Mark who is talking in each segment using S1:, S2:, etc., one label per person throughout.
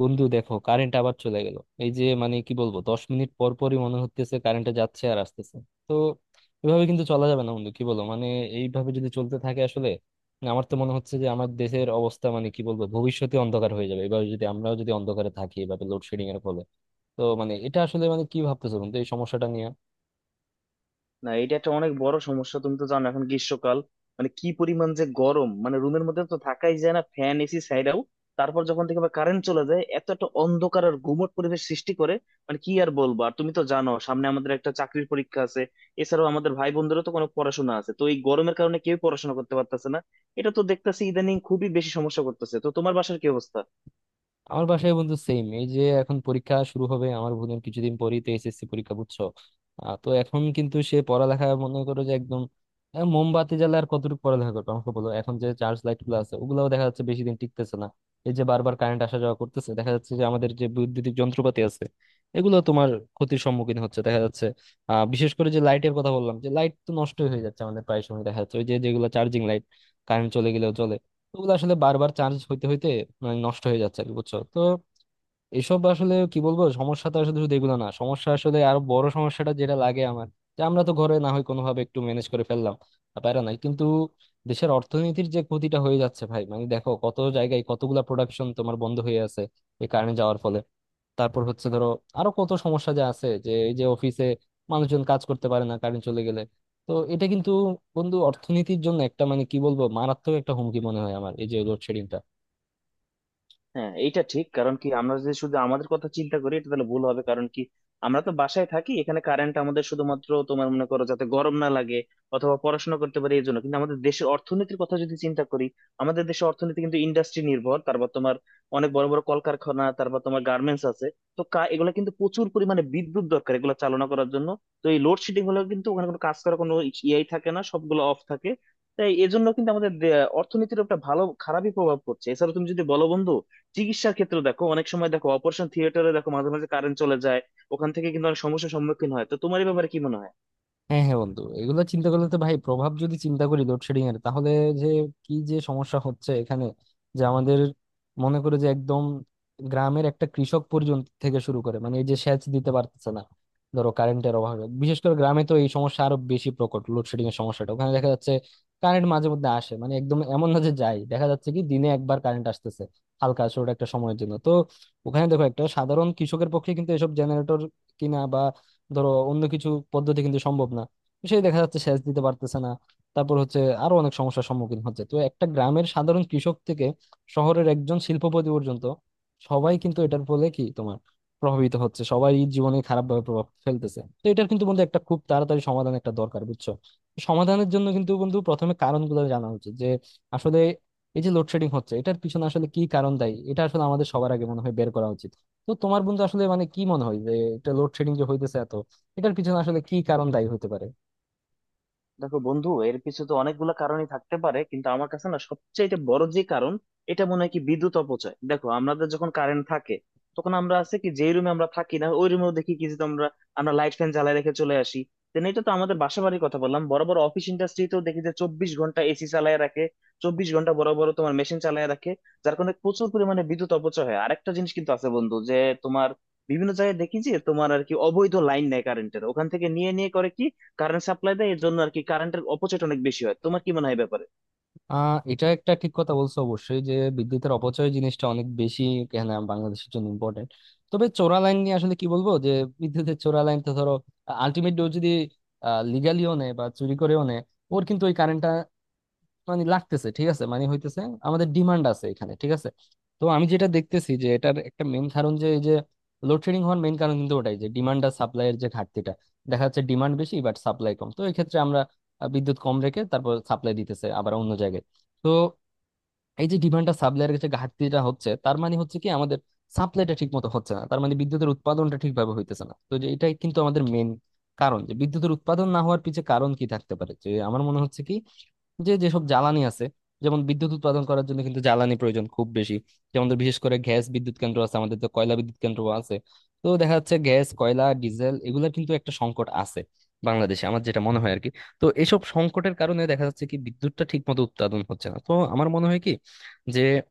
S1: বন্ধু দেখো, কারেন্ট আবার চলে গেল। এই যে মানে কি বলবো, 10 মিনিট পর পরই মনে হচ্ছে কারেন্টটা যাচ্ছে আর আসতেছে। তো এভাবে কিন্তু চলা যাবে না বন্ধু, কি বলো? মানে এইভাবে যদি চলতে থাকে আসলে, আমার তো মনে হচ্ছে যে আমার দেশের অবস্থা মানে কি বলবো ভবিষ্যতে অন্ধকার হয়ে যাবে, এভাবে যদি আমরাও যদি অন্ধকারে থাকি এভাবে লোডশেডিং এর ফলে। তো মানে এটা আসলে মানে কি ভাবতেছো বন্ধু এই সমস্যাটা নিয়ে?
S2: না, এটা একটা অনেক বড় সমস্যা। তুমি তো জানো এখন গ্রীষ্মকাল, মানে কি পরিমাণ যে গরম, মানে রুমের মধ্যে তো থাকাই যায় না ফ্যান এসি ছাইড়াও। তারপর যখন থেকে কারেন্ট চলে যায় এত একটা অন্ধকার আর গুমট পরিবেশ সৃষ্টি করে, মানে কি আর বলবো। আর তুমি তো জানো সামনে আমাদের একটা চাকরির পরীক্ষা আছে, এছাড়াও আমাদের ভাই বোনদেরও তো কোনো পড়াশোনা আছে, তো এই গরমের কারণে কেউ পড়াশোনা করতে পারতেছে না। এটা তো দেখতেছি ইদানিং খুবই বেশি সমস্যা করতেছে। তো তোমার বাসার কি অবস্থা?
S1: আমার বাসায় বন্ধু সেম। এই যে এখন পরীক্ষা শুরু হবে আমার বোনের, কিছুদিন পরেই তো এসএসসি পরীক্ষা, বুঝছো? তো এখন কিন্তু সে পড়ালেখা মনে করো যে একদম মোমবাতি জ্বালা আর কতটুকু পড়ালেখা করবে আমাকে বলো। এখন যে চার্জ লাইট গুলো আছে ওগুলাও দেখা যাচ্ছে বেশি দিন টিকতেছে না। এই যে বারবার কারেন্ট আসা যাওয়া করতেছে, দেখা যাচ্ছে যে আমাদের যে বৈদ্যুতিক যন্ত্রপাতি আছে এগুলো তোমার ক্ষতির সম্মুখীন হচ্ছে দেখা যাচ্ছে। বিশেষ করে যে লাইটের কথা বললাম, যে লাইট তো নষ্ট হয়ে যাচ্ছে আমাদের প্রায় সময় দেখা যাচ্ছে, ওই যে যেগুলো চার্জিং লাইট কারেন্ট চলে গেলেও চলে, ওগুলো আসলে বারবার চার্জ হইতে হইতে মানে নষ্ট হয়ে যাচ্ছে আর কি, বুঝছো তো। এসব আসলে কি বলবো সমস্যা, তো আসলে শুধু এগুলো না, সমস্যা আসলে আরো বড় সমস্যাটা যেটা লাগে আমার, যে আমরা তো ঘরে না হয় কোনোভাবে একটু ম্যানেজ করে ফেললাম, আর প্যারা নাই কিন্তু দেশের অর্থনীতির যে ক্ষতিটা হয়ে যাচ্ছে ভাই, মানে দেখো কত জায়গায় কতগুলা প্রোডাকশন তোমার বন্ধ হয়ে আছে এই কারেন্ট যাওয়ার ফলে। তারপর হচ্ছে ধরো আরো কত সমস্যা যে আছে, যে এই যে অফিসে মানুষজন কাজ করতে পারে না কারেন্ট চলে গেলে। তো এটা কিন্তু বন্ধু অর্থনীতির জন্য একটা মানে কি বলবো মারাত্মক একটা হুমকি মনে হয় আমার এই যে লোডশেডিং।
S2: হ্যাঁ, এইটা ঠিক। কারণ কি আমরা যদি শুধু আমাদের কথা চিন্তা করি এটা তাহলে ভুল হবে, কারণ কি আমরা তো বাসায় থাকি, এখানে কারেন্ট আমাদের শুধুমাত্র তোমার মনে করো যাতে গরম না লাগে অথবা পড়াশোনা করতে পারি এই জন্য। কিন্তু আমাদের দেশের অর্থনীতির কথা যদি চিন্তা করি, আমাদের দেশের অর্থনীতি কিন্তু ইন্ডাস্ট্রি নির্ভর। তারপর তোমার অনেক বড় বড় কলকারখানা, তারপর তোমার গার্মেন্টস আছে, তো এগুলো কিন্তু প্রচুর পরিমাণে বিদ্যুৎ দরকার এগুলো চালনা করার জন্য। তো এই লোডশেডিং হলে কিন্তু ওখানে কোনো কাজ করার কোনো ইয়েই থাকে না, সবগুলো অফ থাকে। তাই এজন্য কিন্তু আমাদের অর্থনীতির একটা ভালো খারাপই প্রভাব পড়ছে। এছাড়া তুমি যদি বলো বন্ধু, চিকিৎসার ক্ষেত্রে দেখো অনেক সময় দেখো অপারেশন থিয়েটারে দেখো মাঝে মাঝে কারেন্ট চলে যায়, ওখান থেকে কিন্তু অনেক সমস্যার সম্মুখীন হয়। তো তোমার এই ব্যাপারে কি মনে হয়?
S1: হ্যাঁ হ্যাঁ বন্ধু, এগুলো চিন্তা করলে তো ভাই, প্রভাব যদি চিন্তা করি লোডশেডিং এর, তাহলে যে কি যে সমস্যা হচ্ছে এখানে, যে আমাদের মনে করে যে একদম গ্রামের একটা কৃষক পর্যন্ত থেকে শুরু করে মানে এই যে সেচ দিতে পারতেছে না ধরো কারেন্টের অভাবে। বিশেষ করে গ্রামে তো এই সমস্যা আরো বেশি প্রকট, লোডশেডিং এর সমস্যাটা ওখানে দেখা যাচ্ছে। কারেন্ট মাঝে মধ্যে আসে, মানে একদম এমন না যে যায়, দেখা যাচ্ছে কি দিনে একবার কারেন্ট আসতেছে হালকা ছোট একটা সময়ের জন্য। তো ওখানে দেখো একটা সাধারণ কৃষকের পক্ষে কিন্তু এসব জেনারেটর কিনা ধরো অন্য কিছু পদ্ধতি কিন্তু সম্ভব না। তো সেই দেখা যাচ্ছে সেচ দিতে পারতেছে না। তারপর হচ্ছে আরো অনেক সমস্যার সম্মুখীন হচ্ছে। তো একটা গ্রামের সাধারণ কৃষক থেকে শহরের একজন শিল্পপতি পর্যন্ত সবাই কিন্তু এটার ফলে কি তোমার প্রভাবিত হচ্ছে, সবাই জীবনে খারাপ ভাবে প্রভাব ফেলতেছে। তো এটার কিন্তু বন্ধু একটা খুব তাড়াতাড়ি সমাধান একটা দরকার, বুঝছো? সমাধানের জন্য কিন্তু বন্ধু প্রথমে কারণগুলো জানা উচিত, যে আসলে এই যে লোডশেডিং হচ্ছে এটার পিছনে আসলে কি কারণ দায়ী, এটা আসলে আমাদের সবার আগে মনে হয় বের করা উচিত। তো তোমার বন্ধু আসলে মানে কি মনে হয় যে এটা লোডশেডিং যে হইতেছে এত, এটার পিছনে আসলে কি কারণ দায়ী হতে পারে?
S2: দেখো বন্ধু, এর পিছনে তো অনেকগুলো কারণই থাকতে পারে, কিন্তু আমার কাছে না সবচেয়ে বড় যে কারণ এটা মনে হয় কি বিদ্যুৎ অপচয়। দেখো আমাদের যখন কারেন্ট থাকে তখন আমরা আছে কি, যে রুমে আমরা থাকি না ওই রুমেও দেখি কি যে আমরা আমরা লাইট ফ্যান জ্বালায় রেখে চলে আসি। দেন এটা তো আমাদের বাসা বাড়ির কথা বললাম, বড় বড় অফিস ইন্ডাস্ট্রিতেও দেখি যে 24 ঘন্টা এসি চালায় রাখে, 24 ঘন্টা বড় বড় তোমার মেশিন চালায় রাখে, যার কারণে প্রচুর পরিমাণে বিদ্যুৎ অপচয় হয়। আরেকটা জিনিস কিন্তু আছে বন্ধু যে তোমার বিভিন্ন জায়গায় দেখি যে তোমার আর কি অবৈধ লাইন নেয় কারেন্টের, ওখান থেকে নিয়ে নিয়ে করে কি কারেন্ট সাপ্লাই দেয়। এর জন্য আর কি কারেন্টের অপচয়টা অনেক বেশি হয়। তোমার কি মনে হয় এ ব্যাপারে?
S1: এটা একটা ঠিক কথা বলছো, অবশ্যই যে বিদ্যুতের অপচয় জিনিসটা অনেক বেশি, এখানে বাংলাদেশের জন্য ইম্পর্টেন্ট। তবে চোরা লাইন নিয়ে আসলে কি বলবো যে বিদ্যুতের চোরা লাইন তো ধরো আলটিমেটলি যদি লিগালিও নেয় বা চুরি করেও নেয়, ওর কিন্তু ওই কারেন্টটা মানে লাগতেছে, ঠিক আছে, মানে হইতেছে, আমাদের ডিমান্ড আছে এখানে, ঠিক আছে। তো আমি যেটা দেখতেছি যে এটার একটা মেইন কারণ যে এই যে লোডশেডিং হওয়ার মেইন কারণ কিন্তু ওটাই, যে ডিমান্ড আর সাপ্লাই এর যে ঘাটতিটা, দেখা যাচ্ছে ডিমান্ড বেশি বাট সাপ্লাই কম। তো এই ক্ষেত্রে আমরা বিদ্যুৎ কম রেখে তারপর সাপ্লাই দিতেছে আবার অন্য জায়গায়। তো এই যে ডিমান্ডটা সাপ্লাইয়ের কাছে ঘাটতিটা হচ্ছে, তার মানে হচ্ছে কি আমাদের সাপ্লাইটা ঠিক মতো হচ্ছে না, তার মানে বিদ্যুতের উৎপাদনটা ঠিকভাবে হইতেছে না। তো যে এটাই কিন্তু আমাদের মেন কারণ, যে বিদ্যুতের উৎপাদন না হওয়ার পিছে কারণ কি থাকতে পারে? যে আমার মনে হচ্ছে কি যে যেসব জ্বালানি আছে, যেমন বিদ্যুৎ উৎপাদন করার জন্য কিন্তু জ্বালানি প্রয়োজন খুব বেশি, যেমন ধর বিশেষ করে গ্যাস বিদ্যুৎ কেন্দ্র আছে আমাদের, তো কয়লা বিদ্যুৎ কেন্দ্র আছে। তো দেখা যাচ্ছে গ্যাস, কয়লা, ডিজেল এগুলোর কিন্তু একটা সংকট আছে বাংলাদেশে, আমার যেটা মনে হয় আর কি। তো এসব সংকটের কারণে দেখা যাচ্ছে কি বিদ্যুৎটা ঠিক মতো উৎপাদন হচ্ছে না। তো আমার মনে হয় কি যে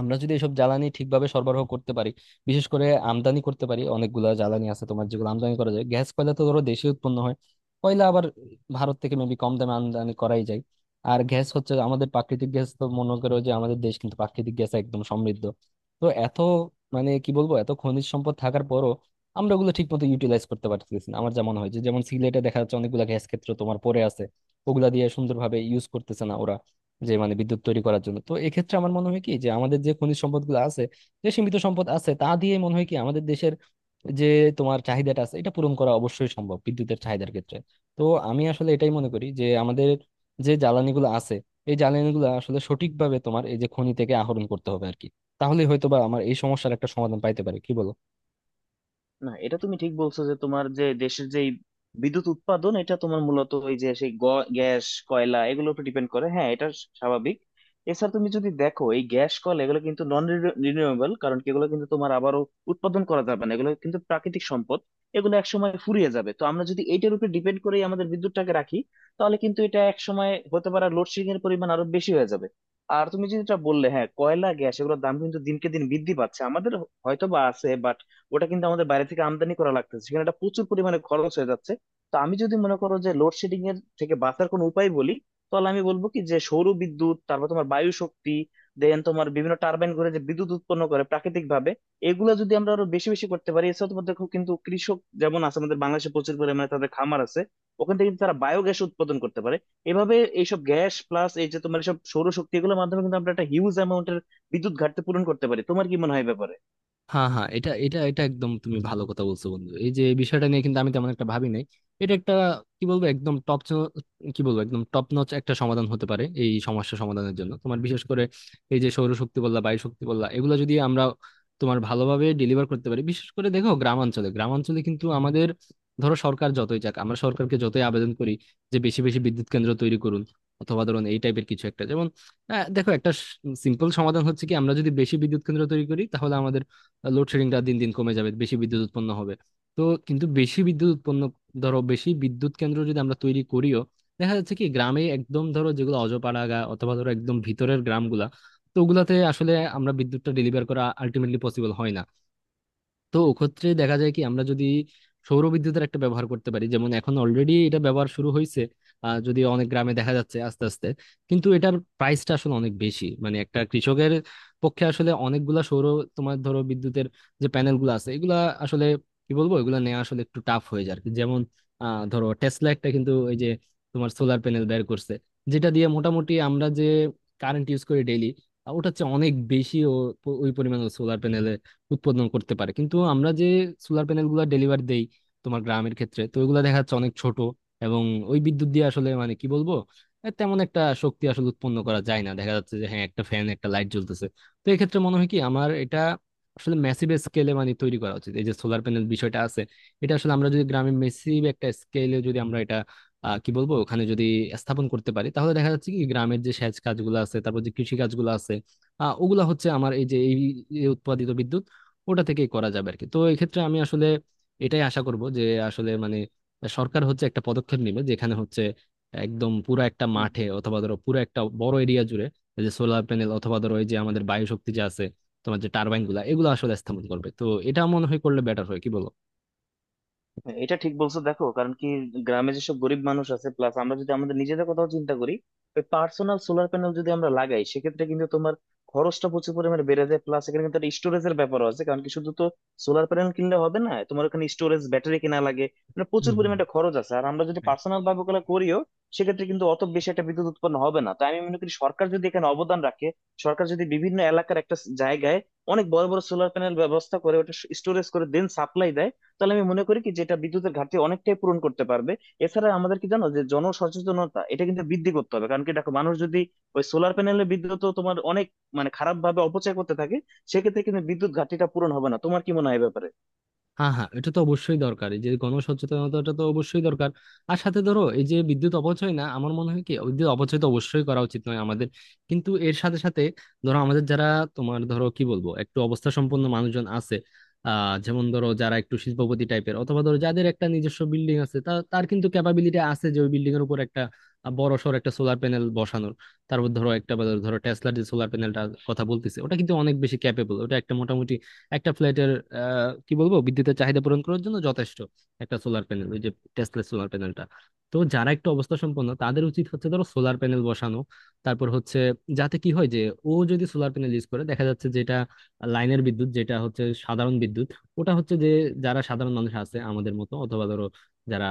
S1: আমরা যদি এসব জ্বালানি ঠিকভাবে সরবরাহ করতে পারি, বিশেষ করে আমদানি করতে পারি, অনেকগুলা জ্বালানি আছে তোমার যেগুলো আমদানি করা যায়, গ্যাস কয়লা তো ধরো দেশে উৎপন্ন হয়, কয়লা আবার ভারত থেকে মেবি কম দামে আমদানি করাই যায়। আর গ্যাস হচ্ছে আমাদের প্রাকৃতিক গ্যাস, তো মনে করো যে আমাদের দেশ কিন্তু প্রাকৃতিক গ্যাস একদম সমৃদ্ধ। তো এত মানে কি বলবো এত খনিজ সম্পদ থাকার পরও আমরা ওগুলো ঠিক মতো ইউটিলাইজ করতে পারতেছি না। আমার যেমন হয় যে যেমন সিলেটে দেখা যাচ্ছে অনেকগুলো গ্যাস ক্ষেত্র তোমার পড়ে আছে, ওগুলা দিয়ে সুন্দরভাবে ইউজ করতেছে না ওরা, যে মানে বিদ্যুৎ তৈরি করার জন্য। তো এক্ষেত্রে আমার মনে হয় কি যে আমাদের যে খনিজ সম্পদগুলো আছে, যে সীমিত সম্পদ আছে তা দিয়ে মনে হয় কি আমাদের দেশের যে তোমার চাহিদাটা আছে এটা পূরণ করা অবশ্যই সম্ভব, বিদ্যুতের চাহিদার ক্ষেত্রে। তো আমি আসলে এটাই মনে করি যে আমাদের যে জ্বালানিগুলো আছে, এই জ্বালানিগুলো আসলে সঠিকভাবে তোমার এই যে খনি থেকে আহরণ করতে হবে আর কি, তাহলে হয়তো বা আমার এই সমস্যার একটা সমাধান পাইতে পারে, কি বলো?
S2: না, এটা তুমি ঠিক বলছো যে তোমার যে দেশের যে এই বিদ্যুৎ উৎপাদন এটা তোমার মূলত ওই যে সেই গ্যাস কয়লা এগুলোর উপর ডিপেন্ড করে। হ্যাঁ, এটা স্বাভাবিক। এছাড়া তুমি যদি দেখো এই গ্যাস কয়লা এগুলো কিন্তু নন রিনিউয়েবল, কারণ কি এগুলো কিন্তু তোমার আবারও উৎপাদন করা যাবে না, এগুলো কিন্তু প্রাকৃতিক সম্পদ। এগুলো এক সময় ফুরিয়ে যাবে, তো আমরা যদি এইটার উপর ডিপেন্ড করে আমাদের বিদ্যুৎটাকে রাখি তাহলে কিন্তু এটা এক সময় হতে পারে লোডশেডিং এর পরিমাণ আরো বেশি হয়ে যাবে। আর তুমি যেটা বললে, হ্যাঁ, কয়লা গ্যাস এগুলোর দাম কিন্তু দিনকে দিন বৃদ্ধি পাচ্ছে। আমাদের হয়তো বা আছে, ওটা কিন্তু আমাদের বাইরে থেকে আমদানি করা লাগতেছে, সেখানে একটা প্রচুর পরিমাণে খরচ হয়ে যাচ্ছে। তো আমি যদি মনে করো যে লোডশেডিং এর থেকে বাঁচার কোনো উপায় বলি, তাহলে আমি বলবো কি যে সৌর বিদ্যুৎ, তারপর তোমার বায়ু শক্তি, দেন তোমার বিভিন্ন টারবাইন ঘুরে যে বিদ্যুৎ উৎপন্ন করে প্রাকৃতিক ভাবে, এগুলো যদি আমরা আরো বেশি বেশি করতে পারি। এছাড়া তোমাদের খুব কিন্তু কৃষক যেমন আছে আমাদের বাংলাদেশে, প্রচুর পরিমাণে তাদের খামার আছে, ওখান থেকে কিন্তু তারা বায়োগ্যাস উৎপাদন করতে পারে। এভাবে এইসব গ্যাস প্লাস এই যে তোমার সব সৌরশক্তি এগুলোর মাধ্যমে কিন্তু আমরা একটা হিউজ অ্যামাউন্টের বিদ্যুৎ ঘাটতি পূরণ করতে পারি। তোমার কি মনে হয় এ ব্যাপারে?
S1: হ্যাঁ হ্যাঁ, এটা এটা এটা একদম তুমি ভালো কথা বলছো বন্ধু, এই যে বিষয়টা নিয়ে কিন্তু আমি তেমন একটা ভাবি নাই। এটা একটা কি বলবো একদম টপ, কি বলবো একদম টপ নচ একটা সমাধান হতে পারে এই সমস্যা সমাধানের জন্য। তোমার বিশেষ করে এই যে সৌরশক্তি বললা, বায়ু শক্তি বললা, এগুলো যদি আমরা তোমার ভালোভাবে ডেলিভার করতে পারি, বিশেষ করে দেখো গ্রামাঞ্চলে গ্রামাঞ্চলে কিন্তু আমাদের ধরো সরকার যতই যাক, আমরা সরকারকে যতই আবেদন করি যে বেশি বেশি বিদ্যুৎ কেন্দ্র তৈরি করুন অথবা ধরুন এই টাইপের কিছু একটা, যেমন দেখো একটা সিম্পল সমাধান হচ্ছে কি আমরা যদি বেশি বিদ্যুৎ কেন্দ্র তৈরি করি তাহলে আমাদের লোডশেডিংটা দিন দিন কমে যাবে, বেশি বিদ্যুৎ উৎপন্ন হবে। তো কিন্তু বেশি বিদ্যুৎ উৎপন্ন ধরো বেশি বিদ্যুৎ কেন্দ্র যদি আমরা তৈরি করিও, দেখা যাচ্ছে কি গ্রামে একদম ধরো যেগুলো অজপাড়াগা অথবা ধরো একদম ভিতরের গ্রামগুলা, তো ওগুলাতে আসলে আমরা বিদ্যুৎটা ডেলিভার করা আলটিমেটলি পসিবল হয় না। তো ওক্ষেত্রে দেখা যায় কি আমরা যদি সৌরবিদ্যুতের একটা ব্যবহার করতে পারি, যেমন এখন অলরেডি এটা ব্যবহার শুরু হয়েছে যদি অনেক গ্রামে দেখা যাচ্ছে আস্তে আস্তে, কিন্তু এটার প্রাইসটা আসলে অনেক বেশি। মানে একটা কৃষকের পক্ষে আসলে অনেকগুলা সৌর তোমার ধরো বিদ্যুতের যে প্যানেলগুলো আছে, এগুলা আসলে কি বলবো এগুলা নেওয়া আসলে একটু টাফ হয়ে যায় আর কি। যেমন ধরো টেসলা একটা কিন্তু ওই যে তোমার সোলার প্যানেল বের করছে যেটা দিয়ে মোটামুটি আমরা যে কারেন্ট ইউজ করি ডেইলি, ওটা হচ্ছে অনেক বেশি, ও ওই পরিমাণ সোলার প্যানেল উৎপাদন করতে পারে। কিন্তু আমরা যে সোলার প্যানেল গুলা ডেলিভার দেই তোমার গ্রামের ক্ষেত্রে, তো ওইগুলা দেখা যাচ্ছে অনেক ছোট, এবং ওই বিদ্যুৎ দিয়ে আসলে মানে কি বলবো তেমন একটা শক্তি আসলে উৎপন্ন করা যায় না, দেখা যাচ্ছে যে হ্যাঁ একটা ফ্যান একটা লাইট জ্বলতেছে। তো এক্ষেত্রে মনে হয় কি আমার, এটা আসলে ম্যাসিভ স্কেলে মানে তৈরি করা উচিত এই যে সোলার প্যানেল বিষয়টা আছে, এটা আসলে আমরা যদি গ্রামে মেসিভ একটা স্কেলে যদি আমরা এটা কি বলবো ওখানে যদি স্থাপন করতে পারি, তাহলে দেখা যাচ্ছে কি গ্রামের যে সেচ কাজগুলো আছে তারপর যে কৃষি কাজগুলো আছে ওগুলা হচ্ছে আমার এই যে এই এই উৎপাদিত বিদ্যুৎ ওটা থেকেই করা যাবে আর কি। তো এক্ষেত্রে আমি আসলে এটাই আশা করব যে আসলে মানে সরকার হচ্ছে একটা পদক্ষেপ নেবে যেখানে হচ্ছে একদম পুরো একটা মাঠে অথবা ধরো পুরো একটা বড় এরিয়া জুড়ে এই যে সোলার প্যানেল অথবা ধরো এই যে আমাদের বায়ু শক্তি যে আছে, তোমার যে টারবাইন গুলা, এগুলো আসলে স্থাপন করবে। তো এটা মনে হয় করলে বেটার হয়, কি বলো?
S2: হ্যাঁ, এটা ঠিক বলছো। দেখো কারণ কি গ্রামে যেসব গরিব মানুষ আছে, প্লাস আমরা যদি আমাদের নিজেদের কথাও চিন্তা করি, ওই পার্সোনাল সোলার প্যানেল যদি আমরা লাগাই সেক্ষেত্রে কিন্তু তোমার খরচটা প্রচুর পরিমাণে বেড়ে যায়। প্লাস এখানে কিন্তু একটা স্টোরেজের ব্যাপারও আছে, কারণ কি শুধু তো সোলার প্যানেল কিনলে হবে না, তোমার ওখানে স্টোরেজ ব্যাটারি কেনা লাগে, মানে প্রচুর
S1: হম।
S2: পরিমাণে একটা খরচ আছে। আর আমরা যদি
S1: হম।
S2: পার্সোনাল ভাবে ওগুলো করিও সেক্ষেত্রে কিন্তু অত বেশি একটা বিদ্যুৎ উৎপন্ন হবে না। তাই আমি মনে করি সরকার যদি এখানে অবদান রাখে, সরকার যদি বিভিন্ন এলাকার একটা জায়গায় অনেক বড় বড় সোলার প্যানেল ব্যবস্থা করে ওটা স্টোরেজ করে দেন সাপ্লাই দেয়, তাহলে আমি মনে করি কি যেটা বিদ্যুতের ঘাটতি অনেকটাই পূরণ করতে পারবে। এছাড়া আমাদের কি জানো যে জনসচেতনতা এটা কিন্তু বৃদ্ধি করতে হবে, কারণ কি দেখো মানুষ যদি ওই সোলার প্যানেলের বিদ্যুৎ তো তোমার অনেক মানে খারাপ ভাবে অপচয় করতে থাকে সেক্ষেত্রে কিন্তু বিদ্যুৎ ঘাটতিটা পূরণ হবে না। তোমার কি মনে হয় এ ব্যাপারে?
S1: হ্যাঁ হ্যাঁ, এটা তো অবশ্যই দরকার, এই যে গণসচেতনতাটা তো অবশ্যই দরকার। আর সাথে ধরো এই যে বিদ্যুৎ অপচয় না, আমার মনে হয় কি বিদ্যুৎ অপচয় তো অবশ্যই করা উচিত নয় আমাদের, কিন্তু এর সাথে সাথে ধরো আমাদের যারা তোমার ধরো কি বলবো একটু অবস্থা সম্পন্ন মানুষজন আছে, যেমন ধরো যারা একটু শিল্পপতি টাইপের অথবা ধরো যাদের একটা নিজস্ব বিল্ডিং আছে, তা তার কিন্তু ক্যাপাবিলিটি আছে যে ওই বিল্ডিং এর উপর একটা বড় সড় একটা সোলার প্যানেল বসানোর। তারপর ধরো একটা বা ধরো টেসলার যে সোলার প্যানেলটার কথা বলতেছে, ওটা কিন্তু অনেক বেশি ক্যাপেবল, ওটা একটা মোটামুটি একটা ফ্ল্যাটের কি বলবো বিদ্যুতের চাহিদা পূরণ করার জন্য যথেষ্ট একটা সোলার প্যানেল ওই যে টেসলা সোলার প্যানেলটা। তো যারা একটু অবস্থা সম্পন্ন, তাদের উচিত হচ্ছে ধরো সোলার প্যানেল বসানো। তারপর হচ্ছে যাতে কি হয় যে ও যদি সোলার প্যানেল ইউজ করে দেখা যাচ্ছে যেটা লাইনের বিদ্যুৎ যেটা হচ্ছে সাধারণ বিদ্যুৎ, ওটা হচ্ছে যে যারা সাধারণ মানুষ আছে আমাদের মতো অথবা ধরো যারা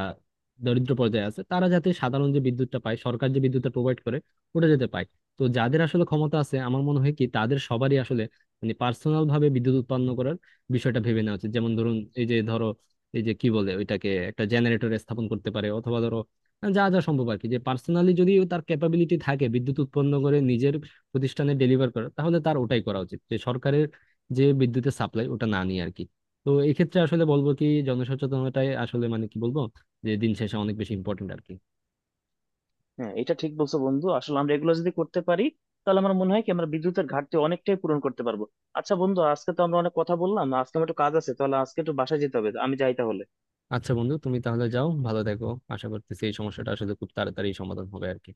S1: দরিদ্র পর্যায়ে আছে, তারা যাতে সাধারণ যে বিদ্যুৎটা পায়, সরকার যে বিদ্যুৎটা প্রোভাইড করে ওটা যাতে পায়। তো যাদের আসলে ক্ষমতা আছে, আমার মনে হয় কি তাদের সবারই আসলে মানে পার্সোনাল ভাবে বিদ্যুৎ উৎপন্ন করার বিষয়টা ভেবে নেওয়া উচিত, যেমন ধরুন এই যে ধরো এই যে কি বলে ওইটাকে একটা জেনারেটর স্থাপন করতে পারে অথবা ধরো যা যা সম্ভব আর কি, যে পার্সোনালি যদি তার ক্যাপাবিলিটি থাকে বিদ্যুৎ উৎপন্ন করে নিজের প্রতিষ্ঠানে ডেলিভার করা, তাহলে তার ওটাই করা উচিত, যে সরকারের যে বিদ্যুতের সাপ্লাই ওটা না নিয়ে আর কি। তো এই ক্ষেত্রে আসলে বলবো কি জনসচেতনতাই আসলে মানে কি বলবো যে দিন শেষে অনেক বেশি ইম্পর্টেন্ট আর কি।
S2: হ্যাঁ, এটা ঠিক বলছো বন্ধু। আসলে আমরা এগুলো যদি করতে পারি তাহলে আমার মনে হয় কি আমরা বিদ্যুতের ঘাটতি অনেকটাই পূরণ করতে পারবো। আচ্ছা বন্ধু, আজকে তো আমরা অনেক কথা বললাম, আজকে আমার একটু কাজ আছে, তাহলে আজকে একটু বাসায় যেতে হবে। আমি যাই তাহলে।
S1: আচ্ছা বন্ধু, তুমি তাহলে যাও, ভালো দেখো। আশা করতেছি এই সমস্যাটা আসলে খুব তাড়াতাড়ি সমাধান হবে আর কি।